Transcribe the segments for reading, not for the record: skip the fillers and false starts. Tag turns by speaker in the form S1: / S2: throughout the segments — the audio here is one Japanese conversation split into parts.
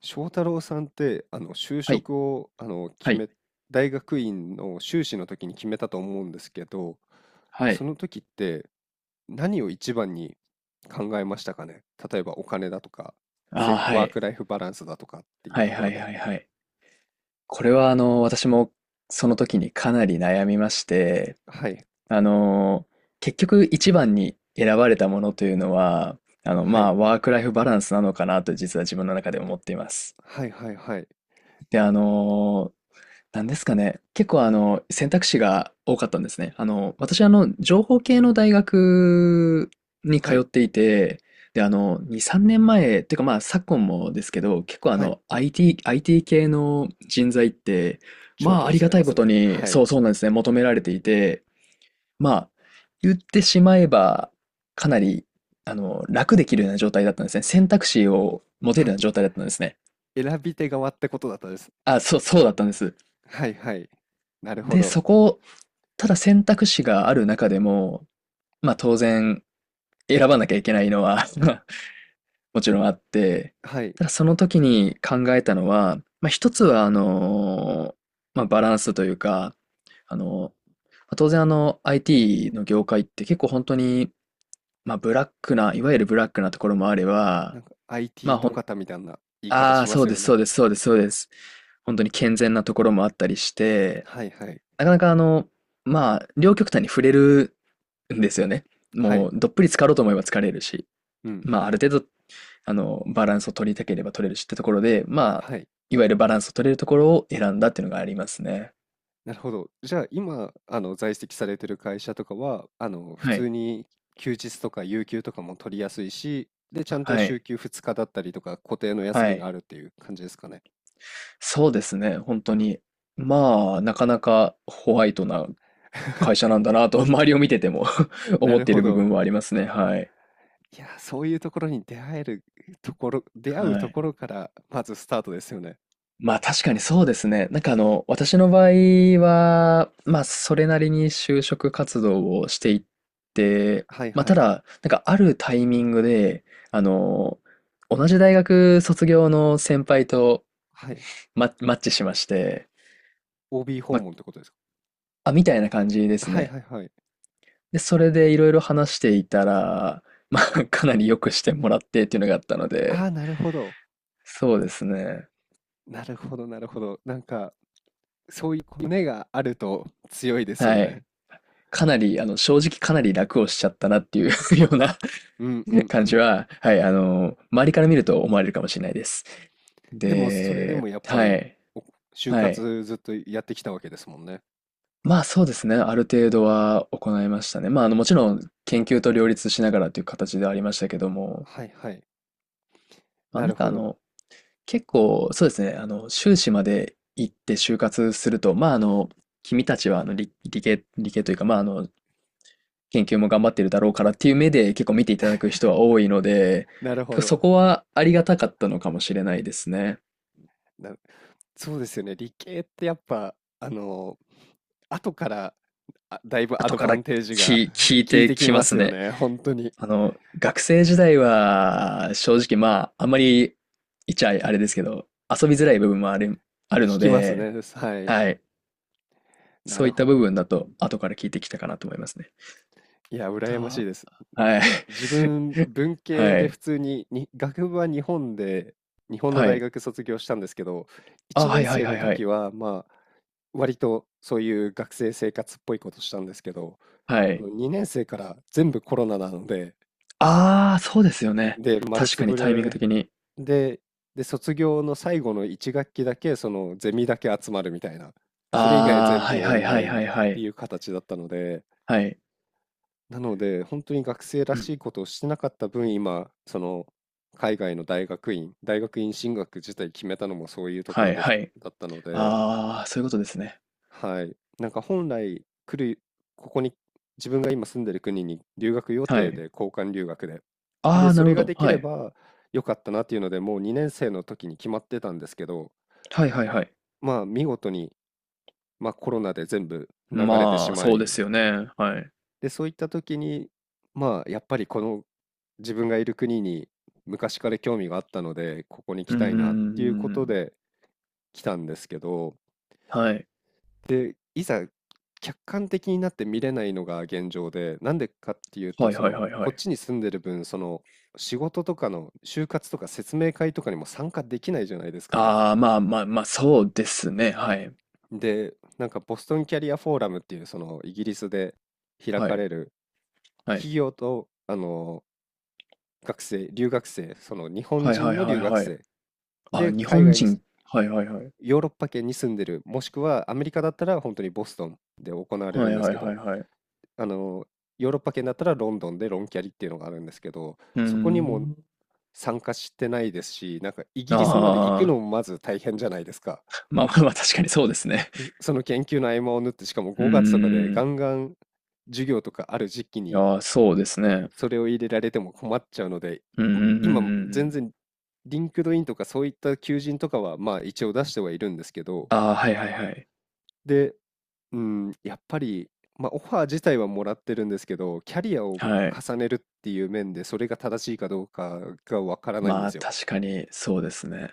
S1: 翔太郎さんって、就
S2: はい、
S1: 職を、
S2: はい、
S1: 大学院の修士の時に決めたと思うんですけど、
S2: は
S1: そ
S2: い。
S1: の時って何を一番に考えましたかね。例えばお金だとか、
S2: ああ、は
S1: ワーク
S2: い。
S1: ライフバランスだとかっていう
S2: はい、
S1: とこ
S2: は
S1: ろ
S2: い、
S1: で。
S2: はい、はい。これは、私もその時にかなり悩みまして、
S1: はい、
S2: あの、結局一番に選ばれたものというのは、
S1: はい、
S2: ワークライフバランスなのかなと実は自分の中で思っています。
S1: はいはいはい、
S2: で、なんですかね。結構選択肢が多かったんですね。私情報系の大学に
S1: は
S2: 通っ
S1: い、
S2: ていて、で、2、3年前、っていうかまあ、昨今もですけど、結構
S1: はい、
S2: IT 系の人材って、
S1: 重
S2: まあ、あ
S1: 宝
S2: り
S1: さ
S2: が
S1: れ
S2: た
S1: ま
S2: いこ
S1: す
S2: と
S1: ね。
S2: に、
S1: は
S2: そ
S1: い。
S2: うそうなんですね、求められていて、まあ、言ってしまえば、かなり、楽できるような状態だったんですね。選択肢を持てる
S1: あ、
S2: ような状態だったんですね。
S1: 選び手側ってことだったです。
S2: あ、そうだったんです。
S1: はいはい。なるほ
S2: で、
S1: ど。
S2: ただ選択肢がある中でも、まあ当然選ばなきゃいけないのは もちろんあって、
S1: はい。
S2: ただその時に考えたのは、まあ一つはまあバランスというか、あの、まあ当然あの IT の業界って結構本当に、まあブラックな、いわゆるブラックなところもあれば、
S1: なんか
S2: ま
S1: IT
S2: あほ
S1: と
S2: ん、
S1: かみたいな言い方
S2: あ
S1: し
S2: あ、
S1: ま
S2: そう
S1: す
S2: で
S1: よ
S2: す、そう
S1: ね。
S2: です、そうです、そうです。本当に健全なところもあったりして、
S1: はいはい。
S2: なかなかまあ、両極端に触れるんです
S1: う
S2: よ
S1: ん。
S2: ね。
S1: は
S2: も
S1: い。
S2: う、どっぷり浸かろうと思えば浸かれるし、
S1: うん。
S2: まあ、ある程度、バランスを取りたければ取れるしってところで、まあ、
S1: はい。
S2: いわゆるバランスを取れるところを選んだっていうのがありますね。
S1: なるほど。じゃあ、今、在籍されてる会社とかは、普
S2: は
S1: 通
S2: い。
S1: に休日とか有給とかも取りやすいし、で、ちゃんと
S2: は
S1: 週
S2: い。
S1: 休2日だったりとか、固定の休
S2: は
S1: みが
S2: い。
S1: あるっていう感じですかね。
S2: そうですね、本当に。まあ、なかなかホワイトな会社なんだなと、周りを見てても
S1: な
S2: 思っ
S1: る
S2: てい
S1: ほ
S2: る部分
S1: ど。
S2: はありますね。はい。
S1: いや、そういうところに出会えるところ、出会う
S2: は
S1: と
S2: い。
S1: ころから、まずスタートですよね。
S2: まあ確かにそうですね。なんか私の場合は、まあそれなりに就職活動をしていって、
S1: はい
S2: まあ
S1: は
S2: た
S1: い。
S2: だ、なんかあるタイミングで、あの、同じ大学卒業の先輩と
S1: はい。
S2: マッチしまして、
S1: OB 訪
S2: まあ、
S1: 問ってことですか。
S2: あ、みたいな感じです
S1: はい
S2: ね。
S1: はいはい。
S2: で、それでいろいろ話していたら、まあかなり良くしてもらってっていうのがあったの
S1: あ
S2: で、
S1: あ、なるほど。
S2: そうですね。
S1: なるほど、なるほど。そういう骨があると強いですよ
S2: はい。
S1: ね。
S2: かなり、正直かなり楽をしちゃったなっていう ような
S1: うんうんう
S2: 感じ
S1: ん。
S2: は、はい、周りから見ると思われるかもしれないです。
S1: でもそれで
S2: で、
S1: もやっぱ
S2: は
S1: り
S2: い、
S1: お就
S2: はい。
S1: 活ずっとやってきたわけですもんね。
S2: まあそうですね、ある程度は行いましたね。まあ、もちろん研究と両立しながらという形ではありましたけども、
S1: はいはい。
S2: まあ
S1: な
S2: な
S1: る
S2: んか
S1: ほ
S2: あ
S1: ど。
S2: の、結構、そうですね、修士まで行って就活すると、まあ君たちはあの理系というか、まあ研究も頑張ってるだろうからっていう目で結構見ていただく人は多いので、
S1: なる
S2: 結
S1: ほ
S2: 構そ
S1: ど。
S2: こはありがたかったのかもしれないですね。
S1: な、そうですよね。理系ってやっぱ、あの、後からだいぶア
S2: 後
S1: ド
S2: か
S1: バ
S2: ら
S1: ン
S2: き
S1: テージが
S2: 聞い
S1: 効い
S2: て
S1: てき
S2: きま
S1: ます
S2: す
S1: よ
S2: ね。
S1: ね。本当に。
S2: 学生時代は正直まあ、あんまり言っちゃあれですけど、遊びづらい部分もある、あるの
S1: きます
S2: で、
S1: ね。はい。
S2: はい。
S1: な
S2: そう
S1: る
S2: いった
S1: ほど。
S2: 部分だと後から聞いてきたかなと思いますね。
S1: いや、羨ましい
S2: だ
S1: です。
S2: はい。
S1: 自分、文 系
S2: は
S1: で普
S2: い。
S1: 通に、に、学部は日本で、日本の
S2: は
S1: 大
S2: い。
S1: 学卒業したんですけど、
S2: あ、
S1: 1
S2: はい
S1: 年
S2: はい
S1: 生
S2: はい
S1: の
S2: は
S1: 時
S2: い。
S1: は、まあ、割とそういう学生生活っぽいことしたんですけど、
S2: は
S1: そ
S2: い。
S1: の2年生から全部コロナなので、
S2: ああ、そうですよね。
S1: で、丸
S2: 確
S1: つ
S2: かに
S1: ぶ
S2: タイミング
S1: れ
S2: 的に。
S1: で、で、卒業の最後の1学期だけ、そのゼミだけ集まるみたいな、それ以外
S2: ああ、
S1: 全
S2: は
S1: 部
S2: い
S1: オ
S2: はい
S1: ンラ
S2: はい
S1: イン
S2: は
S1: っ
S2: いは
S1: て
S2: い。
S1: いう形だったので、
S2: はい。
S1: なので、本当に学生ら
S2: う
S1: し
S2: ん。
S1: いことをしてなかった分、今、その、海外の大学院進学自体決めたのもそういうとこ
S2: は
S1: ろ
S2: いはい。
S1: だったので、
S2: ああ、そういうことですね。
S1: はい。なんか本来ここに自分が今住んでる国に留学予
S2: は
S1: 定
S2: い。
S1: で、交換留学で。
S2: あ
S1: で、
S2: あ、
S1: そ
S2: なる
S1: れ
S2: ほ
S1: が
S2: ど。
S1: でき
S2: は
S1: れ
S2: い。
S1: ば良かったなっていうので、もう2年生の時に決まってたんですけど、
S2: はいはいはい。
S1: まあ、見事に、まあ、コロナで全部流れてし
S2: まあ、
S1: ま
S2: そうで
S1: い、
S2: すよね。はい。
S1: で、そういった時に、まあ、やっぱりこの自分がいる国に昔から興味があったので、ここに
S2: う
S1: 来
S2: んうん
S1: た
S2: う
S1: いなっていう
S2: ん
S1: こ
S2: う
S1: と
S2: ん
S1: で来たんですけど、で、いざ客観的になって見れないのが現状で、なんでかっていうと、
S2: はい
S1: そ
S2: はいは
S1: の、
S2: いはいは
S1: こっ
S2: い。
S1: ちに住んでる分、その、仕事とかの就活とか説明会とかにも参加できないじゃないですか。ま、
S2: ああ、まあまあまあ、そうですね。はい。
S1: で、なんかボストンキャリアフォーラムっていう、その、イギリスで開
S2: は
S1: か
S2: い。
S1: れる
S2: はい。
S1: 企業と、学生、その日本
S2: はいは
S1: 人
S2: い
S1: の
S2: は
S1: 留
S2: い
S1: 学
S2: はい。
S1: 生
S2: あ、
S1: で
S2: 日
S1: 海
S2: 本
S1: 外に
S2: 人。はいはいはい。
S1: ヨーロッパ圏に住んでる、もしくはアメリカだったら本当にボストンで行われる
S2: は
S1: ん
S2: い
S1: です
S2: はい
S1: け
S2: は
S1: ど、
S2: いはい。う
S1: あの、ヨーロッパ圏だったらロンドンでロンキャリっていうのがあるんですけど、
S2: ー
S1: そこにも
S2: ん。
S1: 参加してないですし、なんかイギリスまで行くの
S2: ああ、
S1: もまず大変じゃないですか。
S2: まあまあまあ、確かにそうですね。
S1: その研究の合間を縫って、しかも
S2: う
S1: 5月とかで
S2: ん
S1: ガ
S2: ん
S1: ンガン授業とかある時期
S2: いや
S1: に
S2: ー、そうですね。
S1: それを入れられても困っちゃうので、
S2: うんうんうんう
S1: 今
S2: んう
S1: 全
S2: ん。
S1: 然リンクドインとかそういった求人とかはまあ一応出してはいるんですけど、
S2: ああ、はいはいはい。
S1: で、うん、やっぱり、まあ、オファー自体はもらってるんですけど、キャリアを
S2: はい。
S1: 重ねるっていう面で、それが正しいかどうかがわからないん
S2: ま
S1: で
S2: あ、
S1: すよ。
S2: 確かにそうですね。な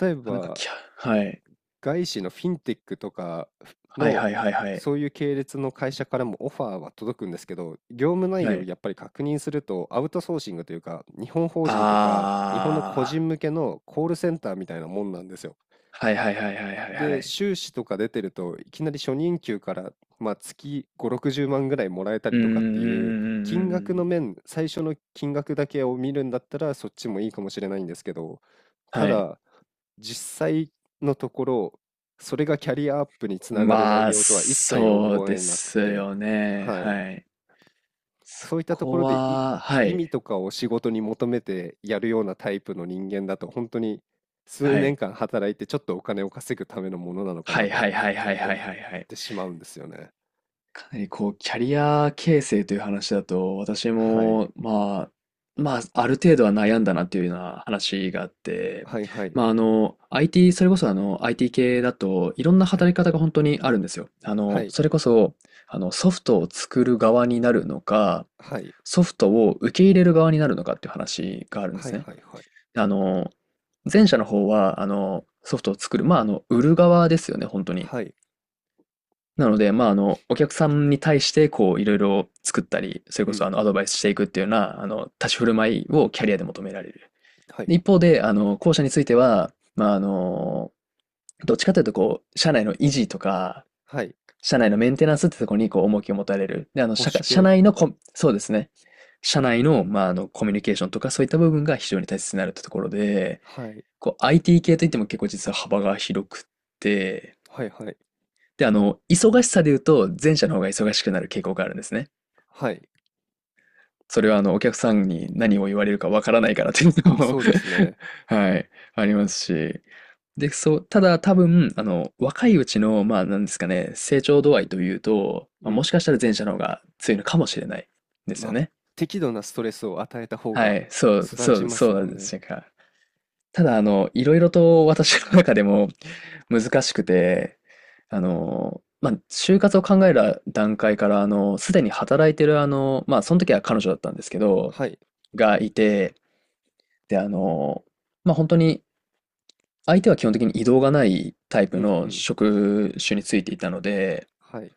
S1: 例え
S2: かなか
S1: ば、
S2: きゃはい。
S1: 外資のフィンテックとか
S2: はい
S1: の、
S2: はいはいはい。
S1: そういう系列の会社からもオファーは届くんですけど、業務内
S2: は
S1: 容を
S2: い。
S1: やっぱり確認すると、アウトソーシングというか、日本法人とか、日本の個
S2: あ
S1: 人向けのコールセンターみたいなもんなんですよ。
S2: あ、はいはいはいはいはいは
S1: で、
S2: い。
S1: 修士とか出てると、いきなり初任給から、まあ、月5、60万ぐらいもらえた
S2: うー
S1: り
S2: ん、う
S1: と
S2: ん
S1: かって
S2: うん
S1: いう、
S2: う
S1: 金
S2: んう
S1: 額の
S2: ん
S1: 面、最初の金額だけを見るんだったら、そっちもいいかもしれないんですけど、た
S2: はい。
S1: だ、実際のところ、それがキャリアアップにつながる
S2: ま
S1: 内
S2: あ、
S1: 容とは一切
S2: そう
S1: 思
S2: で
S1: えなく
S2: す
S1: て、
S2: よね。
S1: はい。
S2: はい。そ
S1: そういったとこ
S2: こ
S1: ろで、
S2: は、は
S1: 意
S2: い。
S1: 味とかを仕事に求めてやるようなタイプの人間だと、本当に数
S2: は
S1: 年
S2: い。
S1: 間働いて、ちょっとお金を稼ぐためのものなのか
S2: は
S1: な
S2: い
S1: と
S2: はい
S1: も
S2: はいはい
S1: 思
S2: は
S1: っ
S2: いはいはい。
S1: てしまうんですよね。
S2: かなりこう、キャリア形成という話だと、私
S1: はい。
S2: も、まあ、まあ、ある程度は悩んだなっていうような話があって、
S1: はいはい。
S2: まあ、それこそあの、IT 系だといろんな
S1: は
S2: 働
S1: い。
S2: き方が本当にあるんですよ。
S1: はい。
S2: それこそ、ソフトを作る側になるのか、
S1: はい。
S2: ソフトを受け入れる側になるのかっていう話があるんで
S1: はい
S2: すね。
S1: はいはい。
S2: あの、前者の方は、ソフトを作る、まあ、売る側ですよね、本当に。
S1: はい。
S2: なので、まあ、お客さんに対して、こう、いろいろ作ったり、それ
S1: う
S2: こ
S1: ん。
S2: そ、アドバイスしていくっていうような、立ち振る舞いをキャリアで求められる。
S1: は
S2: で
S1: い。
S2: 一方で、後者については、まあ、どっちかというと、こう、社内の維持とか、
S1: はい。
S2: 社内のメンテナンスってところに、こう、重きを持たれる。で、
S1: 保
S2: 社
S1: 守
S2: 社
S1: 系
S2: 内
S1: と
S2: の
S1: か。
S2: コ、そうですね。社内の、まあ、コミュニケーションとか、そういった部分が非常に大切になるってところで、
S1: はい。
S2: こう、IT 系といっても結構実は幅が広くて、
S1: はいはい。
S2: で、忙しさで言うと、前者の方が忙しくなる傾向があるんですね。
S1: はい。
S2: それは、お客さんに何を言われるかわからないからっていうのも
S1: そうですね。
S2: はい、ありますし。で、そう、ただ多分、若いうちの、まあ、なんですかね、成長度合いというと、
S1: う
S2: まあ、も
S1: ん。
S2: しかしたら前者の方が強いのかもしれないです
S1: ま
S2: よ
S1: あ、
S2: ね。
S1: 適度なストレスを与えた方
S2: は
S1: が
S2: い、
S1: 育ちま
S2: そ
S1: す
S2: うな
S1: も
S2: ん
S1: ん
S2: で
S1: ね。
S2: すか。ただ、いろいろと私の中でも難しくて、まあ、就活を考える段階から、すでに働いてる、まあ、その時は彼女だったんですけど、
S1: はい。
S2: がいて、で、まあ、本当に、相手は基本的に移動がないタイ
S1: う
S2: プ
S1: んう
S2: の
S1: ん。
S2: 職種についていたので、
S1: はい。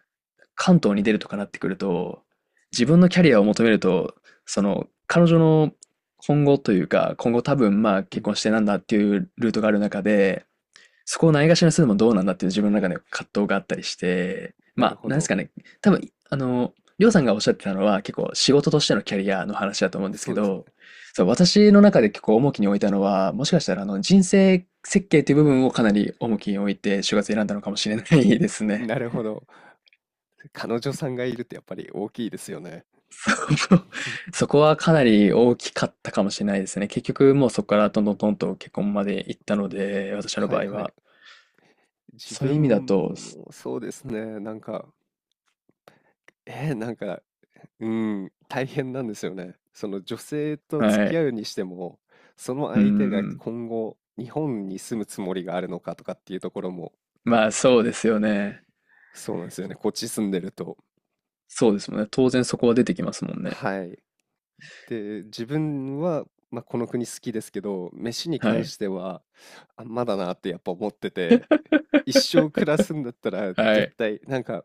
S2: 関東に出るとかなってくると、自分のキャリアを求めると、その、彼女の今後というか、今後多分、まあ、
S1: う
S2: 結
S1: ん。
S2: 婚してなんだっていうルートがある中で、そこをないがしろにするのもどうなんだっていう自分の中で葛藤があったりして、
S1: な
S2: ま
S1: る
S2: あ、
S1: ほ
S2: なんです
S1: ど。
S2: かね、多分、あの、りょうさんがおっしゃってたのは結構仕事としてのキャリアの話だと思うんです
S1: そ
S2: け
S1: うです
S2: ど、そう、私の中で結構重きに置いたのは、もしかしたらあの人生設計という部分をかなり重きに置いて就活選んだのかもしれないです
S1: ね。
S2: ね。
S1: なるほど。彼女さんがいるってやっぱり大きいですよね。
S2: そこはかなり大きかったかもしれないですね。結局もうそこからトントントンと結婚まで行ったので、私の
S1: は
S2: 場
S1: い
S2: 合
S1: はい。
S2: は。
S1: 自
S2: そういう意味だ
S1: 分
S2: と、
S1: もそうですね。えー、なんか、うん、大変なんですよね。その女性と付
S2: は
S1: き
S2: い。
S1: 合うにしても、その
S2: う
S1: 相手が
S2: ん。
S1: 今後、日本に住むつもりがあるのかとかっていうところも、
S2: まあ、そうですよね。
S1: そうなんですよね。こっち住んでると。
S2: そうですもんね。当然そこは出てきますもんね。
S1: はい。で、自分は、まあ、この国好きですけど、飯に
S2: は
S1: 関
S2: い。
S1: しては、あ、まだなってやっぱ思ってて、一生暮らすんだったら、
S2: は
S1: 絶
S2: い。
S1: 対なんか、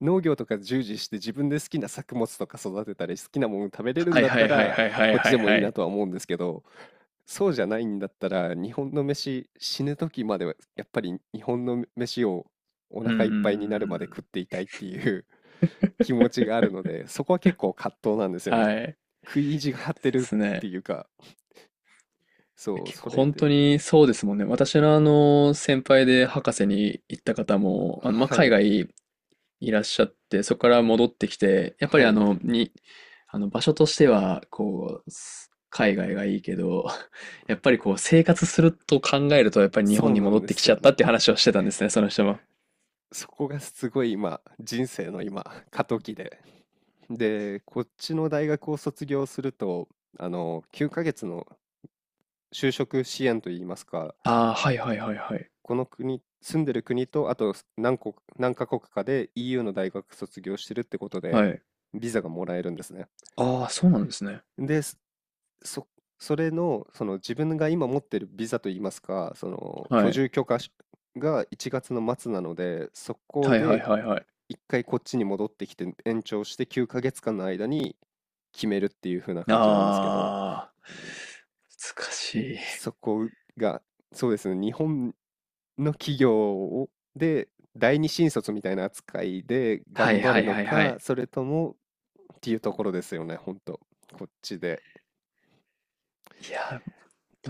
S1: 農業とか従事して自分で好きな作物とか育てたり、好きなもの食べれる
S2: は
S1: ん
S2: い
S1: だっ
S2: は
S1: た
S2: いはい
S1: ら、
S2: はいはい
S1: こっち
S2: は
S1: で
S2: い
S1: も
S2: は
S1: いいな
S2: い。
S1: とは思うんですけど、そうじゃないんだったら、日本の飯、死ぬ時まではやっぱり日本の飯をお
S2: うんうんう
S1: 腹
S2: ん
S1: いっぱいに
S2: う
S1: なるまで食っ
S2: ん。
S1: ていたいっていう 気持ちがあるので、そこは結構葛藤なんですよね。
S2: はい。い
S1: 食い意地が
S2: や、
S1: 張っ
S2: で
S1: てるっ
S2: す
S1: て
S2: ね。
S1: いうか、そう、
S2: 結
S1: そ
S2: 構
S1: れ
S2: 本当
S1: で、
S2: にそうですもんね。私の先輩で博士に行った方も、まあ、
S1: は
S2: 海
S1: い、
S2: 外いらっしゃって、そこから戻ってきて、やっぱ
S1: は
S2: りあ
S1: い、
S2: の、に、あの、場所としては、こう、海外がいいけど、やっぱりこう、生活すると考えると、やっぱり日
S1: そ
S2: 本
S1: う
S2: に
S1: な
S2: 戻
S1: ん
S2: っ
S1: で
S2: てき
S1: す
S2: ち
S1: よ
S2: ゃったって
S1: ね。
S2: 話をしてたんですね、その人も。
S1: そこがすごい今、人生の今、過渡期で。で、こっちの大学を卒業すると、あの、9ヶ月の就職支援といいますか、
S2: ああ、はいはいはいはい。
S1: この国、住んでる国と、あと何カ国かで EU の大学卒業してるってことで、
S2: はい。
S1: ビザがもらえるんですね。
S2: ああ、そうなんですね。
S1: で、そ、それの、その自分が今持ってるビザといいますか、その
S2: は
S1: 居
S2: い。
S1: 住許可が1月の末なので、そこ
S2: はいはい
S1: で
S2: はいはい。
S1: 1回こっちに戻ってきて延長して9ヶ月間の間に決めるっていう風な感じなんですけど、
S2: ああ、難しい。
S1: そこが、そうですね、日本の企業をで第二新卒みたいな扱いで
S2: は
S1: 頑
S2: い
S1: 張
S2: は
S1: る
S2: い
S1: の
S2: はいは
S1: か、
S2: い。
S1: それともっていうところですよね、ほんと。こっちで。
S2: いや、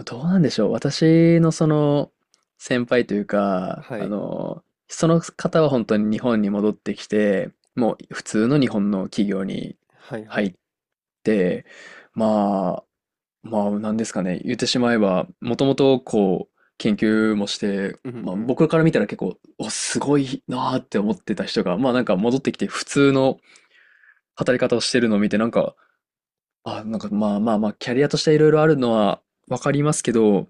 S2: どうなんでしょう。私のその先輩というか、
S1: はい。
S2: その方は本当に日本に戻ってきて、もう普通の日本の企業に
S1: はいは
S2: 入
S1: い。
S2: って、まあ、まあ、なんですかね、言ってしまえば、もともとこう、研究もして、
S1: う
S2: まあ、
S1: ん。
S2: 僕から見たら結構、すごいなーって思ってた人が、まあなんか戻ってきて普通の働き方をしてるのを見て、なんか、まあ、キャリアとしていろいろあるのはわかりますけど、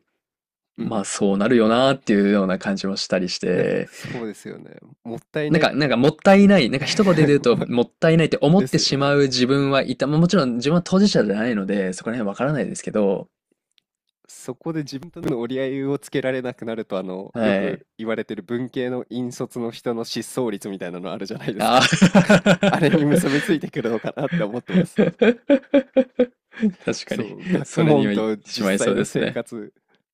S1: うんう
S2: ま
S1: ん、
S2: あそうなるよなーっていうような感じもしたりして、
S1: そうですよね。もったい
S2: なん
S1: ない
S2: か、なんかもったいない、なんか一言で言う と
S1: わ
S2: もったいないって思っ
S1: です
S2: て
S1: よ
S2: しま
S1: ね。
S2: う自分はいた。まあもちろん自分は当事者じゃないので、そこら辺わからないですけど、
S1: そこで自分との折り合いをつけられなくなると、あの、よ
S2: はい。
S1: く言われてる文系の引率の人の失踪率みたいなのあるじゃないです
S2: ああ
S1: か。あれに結びついてくるのかなって思ってます。
S2: 確か
S1: そ
S2: に、
S1: う、学
S2: それに
S1: 問
S2: はいって
S1: と
S2: しま
S1: 実
S2: い
S1: 際
S2: そう
S1: の
S2: です
S1: 生
S2: ね。
S1: 活、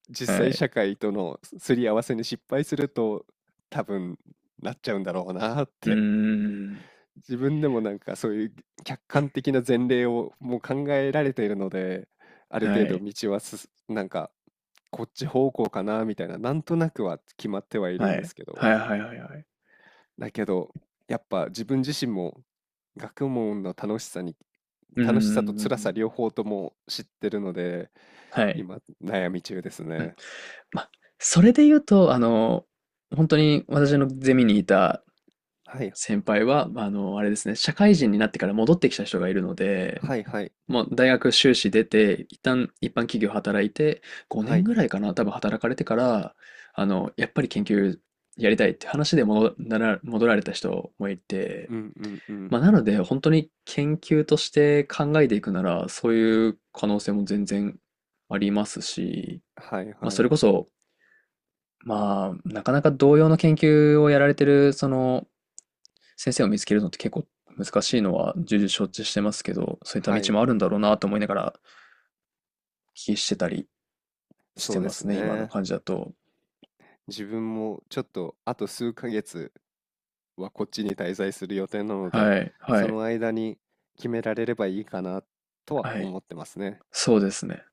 S1: 実
S2: は
S1: 際
S2: い。
S1: 社会とのすすり合わせに失敗すると、多分なっちゃうんだろうなっ
S2: うー
S1: て。
S2: ん。
S1: 自分でもなんかそういう客観的な前例をもう考えられているので、ある
S2: は
S1: 程度
S2: い。
S1: 道はすすなんかこっち方向かなみたいな、なんとなくは決まってはいる
S2: は
S1: んで
S2: い。
S1: すけ
S2: はい
S1: ど、
S2: はいはいはい。
S1: だけどやっぱ自分自身も学問の楽しさに、
S2: うー
S1: 楽しさと辛さ
S2: ん。
S1: 両方とも知ってるので、
S2: はい。
S1: 今悩み中です
S2: うん。
S1: ね。
S2: ま、それで言うと、あの、本当に私のゼミにいた
S1: はい、
S2: 先輩は、あれですね、社会人になってから戻ってきた人がいるので、
S1: はいはい、
S2: もう大学修士出て、一旦一般企業働いて、5
S1: は
S2: 年
S1: い、
S2: ぐらいかな、多分働かれてから、あの、やっぱり研究やりたいって話で戻られた人もいて、
S1: うんうんうん、
S2: まあ、なので、本当に研究として考えていくなら、そういう可能性も全然ありますし、
S1: はい
S2: まあ、
S1: は
S2: そ
S1: い、
S2: れこそ、まあ、なかなか同様の研究をやられてる、その、先生を見つけるのって結構難しいのは重々承知してますけど、そういった
S1: は
S2: 道
S1: い、
S2: もあるんだろうなと思いながらお聞きしてたりして
S1: そうで
S2: ま
S1: す
S2: すね、今の
S1: ね。
S2: 感じだと。
S1: 自分もちょっとあと数ヶ月はこっちに滞在する予定なので、
S2: はい、
S1: そ
S2: はい、
S1: の間に決められればいいかなとは
S2: はい。
S1: 思ってますね。
S2: そうですね。